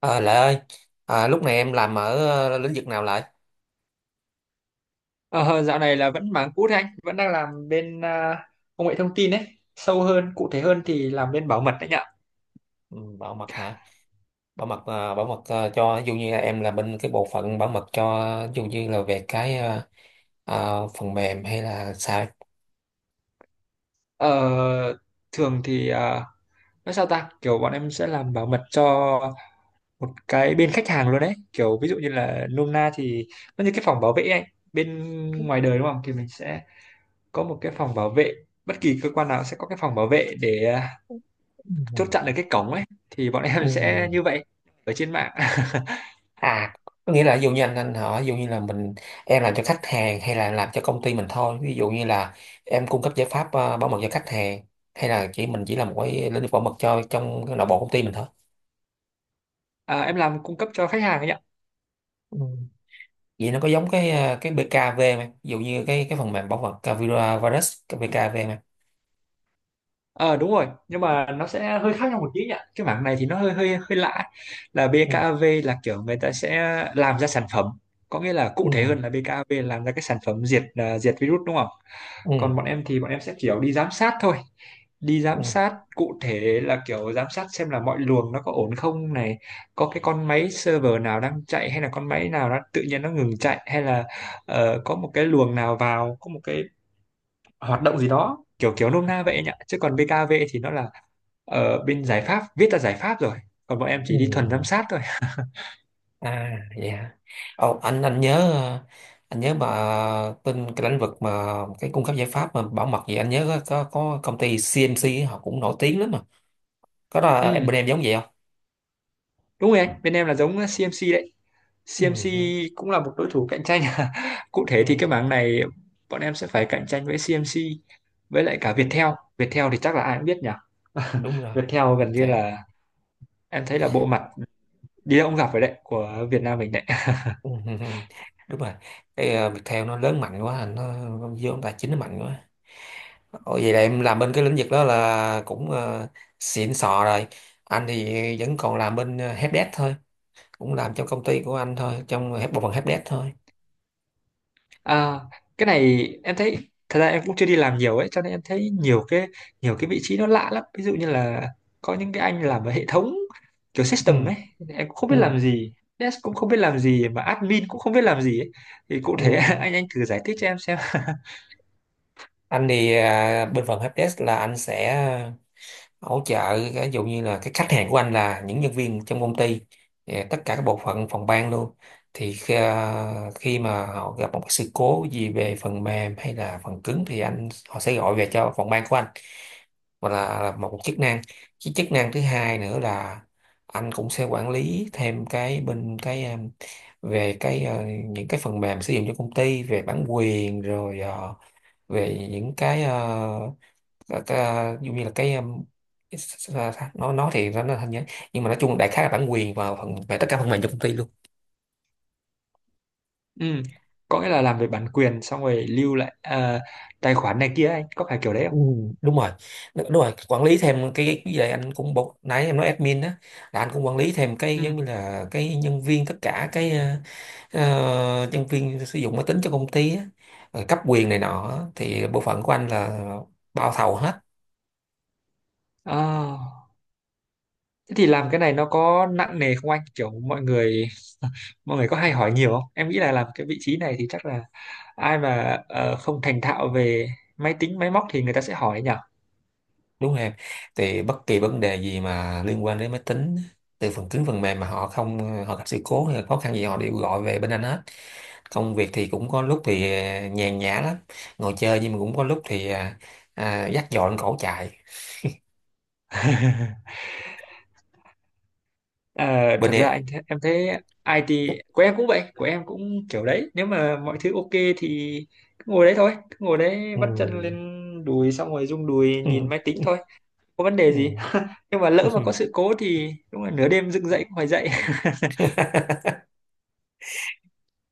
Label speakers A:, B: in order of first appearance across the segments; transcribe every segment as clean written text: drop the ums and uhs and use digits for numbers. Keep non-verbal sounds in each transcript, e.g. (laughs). A: À, Lệ ơi, lúc này em làm ở lĩnh vực nào Lệ?
B: Ờ, Dạo này là vẫn mảng cũ thế anh, vẫn đang làm bên công nghệ thông tin đấy, sâu hơn, cụ thể hơn thì làm bên bảo mật đấy nhỉ.
A: Ừ, bảo mật hả? Bảo mật cho ví dụ như là em là bên cái bộ phận bảo mật cho ví dụ như là về cái phần mềm hay là sao?
B: Ờ, Thường thì nói sao ta, kiểu bọn em sẽ làm bảo mật cho một cái bên khách hàng luôn đấy, kiểu ví dụ như là nôm na thì nó như cái phòng bảo vệ ấy, anh. Bên ngoài đời đúng không, thì mình sẽ có một cái phòng bảo vệ, bất kỳ cơ quan nào sẽ có cái phòng bảo vệ để
A: Ừ.
B: chốt chặn được cái cổng ấy, thì bọn
A: Ừ.
B: em sẽ như vậy ở trên mạng. (laughs)
A: À, có nghĩa là ví dụ như anh hỏi ví dụ như là mình em làm cho khách hàng hay là làm cho công ty mình thôi. Ví dụ như là em cung cấp giải pháp bảo mật cho khách hàng hay là chỉ mình chỉ là một cái lĩnh vực bảo mật cho trong cái nội bộ công ty mình
B: À, em làm cung cấp cho khách hàng ấy nhỉ.
A: thôi. Vậy nó có giống cái BKV không em, ví dụ như cái phần mềm bảo mật virus, cái BKV không em?
B: Ờ Đúng rồi, nhưng mà nó sẽ hơi khác nhau một tí nhỉ, cái mảng này thì nó hơi hơi hơi lạ, là
A: Ừ,
B: BKAV là kiểu người ta sẽ làm ra sản phẩm, có nghĩa là cụ
A: ừ,
B: thể hơn là BKAV làm ra cái sản phẩm diệt virus đúng không,
A: ừ,
B: còn bọn em thì bọn em sẽ kiểu đi giám sát thôi. Đi giám
A: ừ,
B: sát cụ thể là kiểu giám sát xem là mọi luồng nó có ổn không này, có cái con máy server nào đang chạy hay là con máy nào nó tự nhiên nó ngừng chạy, hay là có một cái luồng nào vào, có một cái hoạt động gì đó kiểu kiểu nôm na vậy anh ạ. Chứ còn BKV thì nó là ở bên giải pháp, viết là giải pháp rồi, còn bọn em
A: ừ.
B: chỉ đi thuần giám sát thôi.
A: À vậy hả. Ồ, anh nhớ, anh nhớ mà tin cái lĩnh vực mà cái cung cấp giải pháp mà bảo mật gì, anh nhớ có công ty CMC họ cũng nổi tiếng lắm mà, có đó, em
B: Ừ,
A: bên em giống vậy không?
B: đúng rồi anh, bên em là giống CMC đấy.
A: Ừ,
B: CMC
A: ừ,
B: cũng là một đối thủ cạnh tranh. (laughs) Cụ thể thì
A: ừ,
B: cái mảng này bọn em sẽ phải cạnh tranh với CMC, với lại cả Viettel. Viettel thì chắc là ai cũng biết nhỉ. (laughs)
A: đúng rồi.
B: Viettel gần như
A: Viettel.
B: là em thấy là bộ mặt đi đâu cũng gặp rồi đấy của Việt Nam mình đấy.
A: Ừ, ừ, (laughs) ừ. Đúng rồi, cái Viettel nó lớn mạnh quá, nó vô tài chính nó mạnh quá. Ồ, vậy là em làm bên cái lĩnh vực đó là cũng xịn sò rồi. Anh thì vẫn còn làm bên helpdesk thôi, cũng làm trong công ty của anh thôi, trong bộ phận helpdesk thôi.
B: À, cái này em thấy thật ra em cũng chưa đi làm nhiều ấy, cho nên em thấy nhiều cái vị trí nó lạ lắm, ví dụ như là có những cái anh làm ở hệ thống, kiểu
A: Ừ,
B: system ấy, em cũng không
A: ừ,
B: biết làm gì, dev cũng không biết làm gì mà admin cũng không biết làm gì ấy. Thì cụ
A: ừ.
B: thể (laughs) anh thử giải thích cho em xem.
A: Anh thì bên phần helpdesk là anh sẽ hỗ trợ, ví dụ như là cái khách hàng của anh là những nhân viên trong công ty, tất cả các bộ phận phòng ban luôn, thì khi mà họ gặp một cái sự cố gì về phần mềm hay là phần cứng thì họ sẽ gọi về cho phòng ban của anh, hoặc là một chức năng. Cái chức năng thứ hai nữa là anh cũng sẽ quản lý thêm cái bên cái em, về cái những cái phần mềm sử dụng cho công ty, về bản quyền rồi, về những cái ờ, và ta- Ví dụ như là cái s- s- nó thì nó hình nhé, nhưng mà nói chung đại khái là bản quyền vào phần về tất cả phần mềm cho công ty luôn.
B: Ừ, có nghĩa là làm về bản quyền xong rồi lưu lại tài khoản này kia anh, có phải kiểu đấy không?
A: Ừ. Đúng rồi, đúng rồi, quản lý thêm cái gì đấy anh cũng bộ nãy em nói admin đó, là anh cũng quản lý thêm cái
B: Ừ.
A: giống như là cái nhân viên, tất cả cái nhân viên sử dụng máy tính cho công ty á, rồi cấp quyền này nọ á. Thì bộ phận của anh là bao thầu hết.
B: à, Thế thì làm cái này nó có nặng nề không anh, kiểu mọi người có hay hỏi nhiều không? Em nghĩ là làm cái vị trí này thì chắc là ai mà không thành thạo về máy tính máy móc thì người ta sẽ hỏi nhỉ.
A: Đúng rồi em, thì bất kỳ vấn đề gì mà liên quan đến máy tính, từ phần cứng phần mềm mà họ không, họ gặp sự cố hay là khó khăn gì họ đều gọi về bên anh hết. Công việc thì cũng có lúc thì nhàn nhã lắm, ngồi chơi, nhưng mà cũng có lúc thì dắt dọn cổ chạy.
B: (laughs) Ờ,
A: Bên
B: Thật ra
A: em.
B: em thấy IT của em cũng vậy, của em cũng kiểu đấy, nếu mà mọi thứ ok thì cứ ngồi đấy thôi, cứ ngồi đấy
A: Ừ,
B: vắt chân lên đùi xong rồi rung đùi nhìn
A: ừ,
B: máy tính thôi, có vấn đề
A: ừ.
B: gì. Nhưng mà lỡ mà có sự cố thì đúng là nửa đêm dựng dậy cũng phải dậy.
A: (laughs)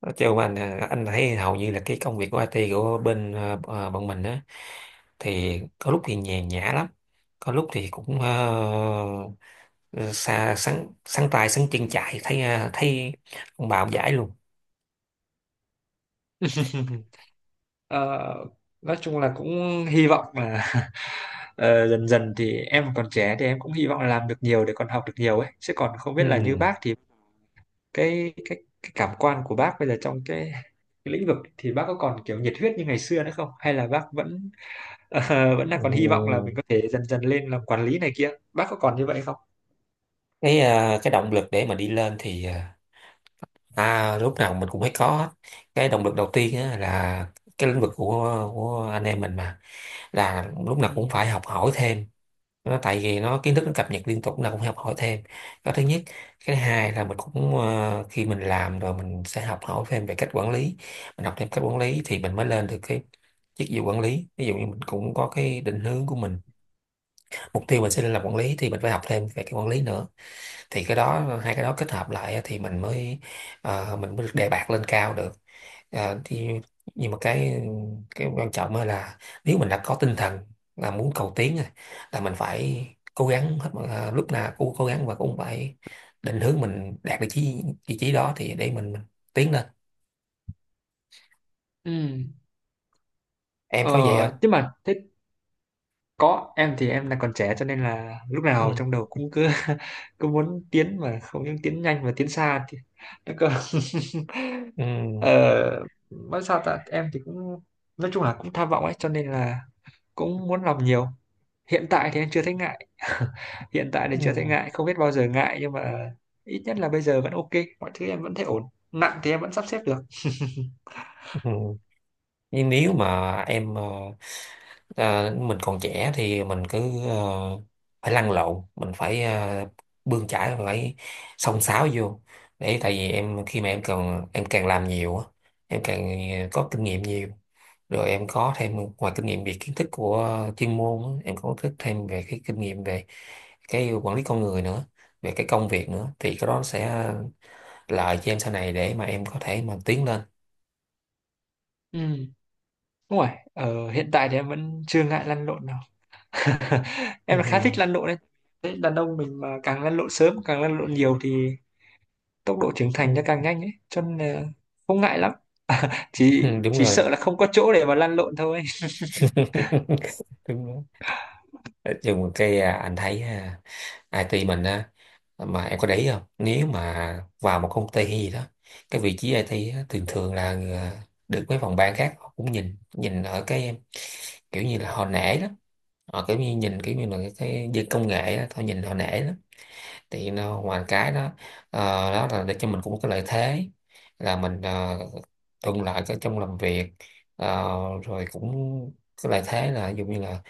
A: Nói chung anh anh thấy hầu như là cái công việc của IT của bên bọn mình á, thì có lúc thì nhàn nhã lắm, có lúc thì cũng ừ, xa sáng sáng tay sáng chân chạy thấy thấy ông bà ông giải luôn.
B: (laughs) Ờ, nói chung là cũng hy vọng là (laughs) dần dần thì em còn trẻ thì em cũng hy vọng là làm được nhiều để còn học được nhiều ấy, chứ còn không
A: Ừ.
B: biết là như bác thì cái cảm quan của bác bây giờ trong cái lĩnh vực thì bác có còn kiểu nhiệt huyết như ngày xưa nữa không, hay là bác vẫn (laughs) vẫn đang
A: Ừ.
B: còn hy vọng là mình có thể dần dần lên làm quản lý này kia, bác có còn như vậy không?
A: Cái cái động lực để mà đi lên thì lúc nào mình cũng phải có hết. Cái động lực đầu tiên á, là cái lĩnh vực của anh em mình mà, là lúc
B: Ừ.
A: nào cũng phải học hỏi thêm, nó tại vì nó kiến thức nó cập nhật liên tục là cũng học hỏi thêm đó, thứ nhất. Cái thứ hai là mình cũng khi mình làm rồi mình sẽ học hỏi thêm về cách quản lý, mình học thêm cách quản lý thì mình mới lên được cái chức vụ quản lý. Ví dụ như mình cũng có cái định hướng của mình, mục tiêu mình sẽ lên làm quản lý thì mình phải học thêm về cái quản lý nữa, thì cái đó hai cái đó kết hợp lại á, thì mình mới mình mới được đề bạt lên cao được. À, thì nhưng mà cái quan trọng á là, nếu mình đã có tinh thần là muốn cầu tiến rồi, là mình phải cố gắng lúc nào cũng cố gắng và cũng phải định hướng mình đạt được chí vị trí đó, thì để mình tiến lên.
B: Ừ.
A: Em
B: Ờ,
A: có vậy không?
B: nhưng mà thế. Có, em thì em là còn trẻ cho nên là lúc
A: Ừ.
B: nào trong đầu cũng cứ (laughs) cứ muốn tiến, mà không những tiến nhanh mà tiến xa thì nó cơ.
A: Ừ.
B: (laughs) ờ, nói sao ta, em thì cũng nói chung là cũng tham vọng ấy, cho nên là cũng muốn làm nhiều. Hiện tại thì em chưa thấy ngại. (laughs) Hiện tại thì
A: Ừ.
B: chưa thấy ngại, không biết bao giờ ngại, nhưng mà ít nhất là bây giờ vẫn ok, mọi thứ em vẫn thấy ổn, nặng thì em vẫn sắp xếp được.
A: Ừ. Nhưng nếu mà em ờ, mình còn trẻ thì mình cứ ờ, phải lăn lộn, mình phải bươn chải, phải xông xáo vô, để tại vì em khi mà em còn em càng làm nhiều á, em càng có kinh nghiệm nhiều, rồi em có thêm ngoài kinh nghiệm về kiến thức của chuyên môn á, em có thức thêm về cái kinh nghiệm về cái quản lý con người nữa, về cái công việc nữa, thì cái đó sẽ lợi cho em sau này để mà em có thể mà tiến lên.
B: Ừ, đúng rồi. Hiện tại thì em vẫn chưa ngại lăn lộn. (laughs)
A: Ừ,
B: Em là khá
A: ừ,
B: thích lăn lộn đấy. Thế đàn ông mình mà càng lăn lộn sớm, càng lăn lộn nhiều thì tốc độ trưởng thành nó
A: ừ.
B: càng nhanh ấy, cho nên là không ngại lắm, chỉ
A: (laughs) Đúng
B: chỉ
A: rồi.
B: sợ là không có chỗ để mà lăn lộn thôi.
A: (laughs) Đúng đó. Nói chung cái anh thấy IT mình á, mà em có để ý không, nếu mà vào một công ty hay gì đó, cái vị trí IT á, thường thường là được mấy phòng ban khác họ cũng nhìn nhìn ở cái kiểu như là họ nể lắm, họ kiểu như nhìn kiểu như là cái dân công nghệ á, họ nhìn họ nể lắm. Thì nó ngoài cái đó, ờ, đó là để cho mình cũng có lợi thế là mình uh, thuận lợi cái trong làm việc. Ờ, rồi cũng cái lợi thế là ví dụ như là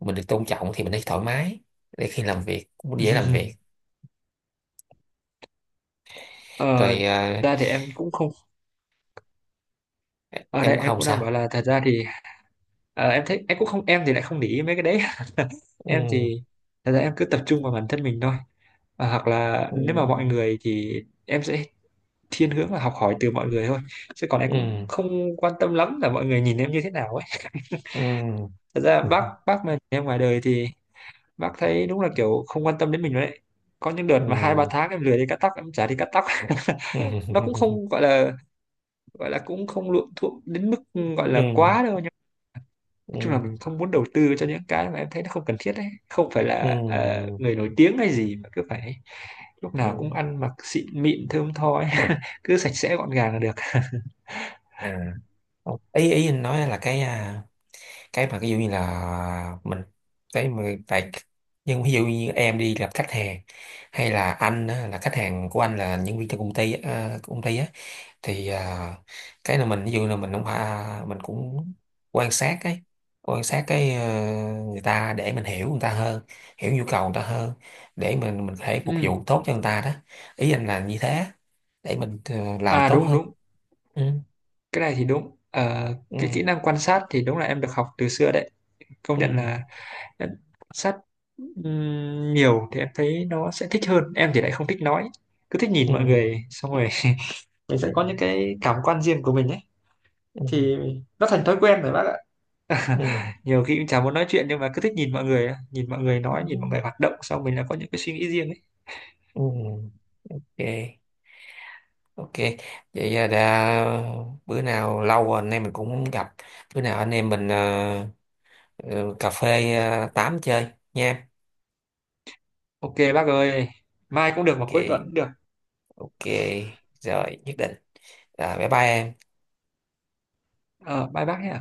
A: mình được tôn trọng thì mình thấy thoải mái, để khi làm việc cũng dễ làm việc.
B: (laughs) ờ,
A: Rồi
B: Ra thì em cũng không, ở
A: em
B: đây
A: cũng
B: em
A: không
B: cũng đang
A: sao.
B: bảo là thật ra thì em thấy em cũng không, em thì lại không để ý mấy cái đấy. (laughs) Em
A: Ừ,
B: thì thật ra em cứ tập trung vào bản thân mình thôi. Hoặc là nếu mà mọi
A: ừ,
B: người thì em sẽ thiên hướng là học hỏi từ mọi người thôi, chứ còn em cũng
A: ừ,
B: không quan tâm lắm là mọi người nhìn em như thế nào ấy.
A: ừ,
B: Thật ra
A: ừ,
B: bác mà em ngoài đời thì bác thấy đúng là kiểu không quan tâm đến mình rồi đấy, có những đợt
A: ừ,
B: mà hai ba tháng em lười đi cắt tóc, em chả đi cắt tóc. (laughs)
A: ừ,
B: Nó cũng không gọi là cũng không luộm thuộm đến mức gọi là
A: ừ,
B: quá đâu, nhưng
A: ừ,
B: nói chung là mình không muốn đầu tư cho những cái mà em thấy nó không cần thiết đấy, không phải là
A: ừ,
B: người nổi tiếng hay gì mà cứ phải lúc
A: ừ.
B: nào cũng ăn mặc xịn mịn thơm tho ấy. (laughs) Cứ sạch sẽ gọn gàng là được.
A: À, không. Ý ý anh nói là cái cái mà ví dụ như là mình, cái mà tại, nhưng ví dụ như em đi gặp khách hàng, hay là anh á, là khách hàng của anh là nhân viên trong công ty á, công ty á, thì cái là mình ví dụ là mình không phải mình cũng quan sát quan sát người ta, để mình hiểu người ta hơn, hiểu nhu cầu người ta hơn, để mình có thể phục
B: Ừ.
A: vụ tốt cho người ta đó. Ý anh là như thế, để mình làm
B: À
A: tốt
B: đúng
A: hơn.
B: đúng,
A: Ừ,
B: cái này thì đúng. Ờ, cái
A: ừ,
B: kỹ năng quan sát thì đúng là em được học từ xưa đấy, công
A: ừ,
B: nhận là. Nên sách nhiều thì em thấy nó sẽ thích hơn, em thì lại không thích nói, cứ thích nhìn mọi
A: ừ,
B: người xong rồi (laughs) mình sẽ
A: ừ,
B: có những cái cảm quan riêng của mình ấy.
A: ừ,
B: Thì nó thành thói quen rồi bác ạ.
A: ừ,
B: (laughs) Nhiều khi cũng chả muốn nói chuyện nhưng mà cứ thích nhìn mọi người á. Nhìn mọi người nói, nhìn mọi người
A: ừ,
B: hoạt động, xong mình là có những cái suy nghĩ riêng ấy.
A: ừ. Ok, ok, vậy đã bữa nào lâu rồi anh em mình cũng không gặp, bữa nào anh em mình ừ, cà phê 8 chơi nha.
B: Ok bác ơi, mai cũng được mà
A: Ok,
B: cuối tuần cũng được.
A: ok, rồi nhất định. Rồi, bye bye em.
B: Ờ Bye bác nhé.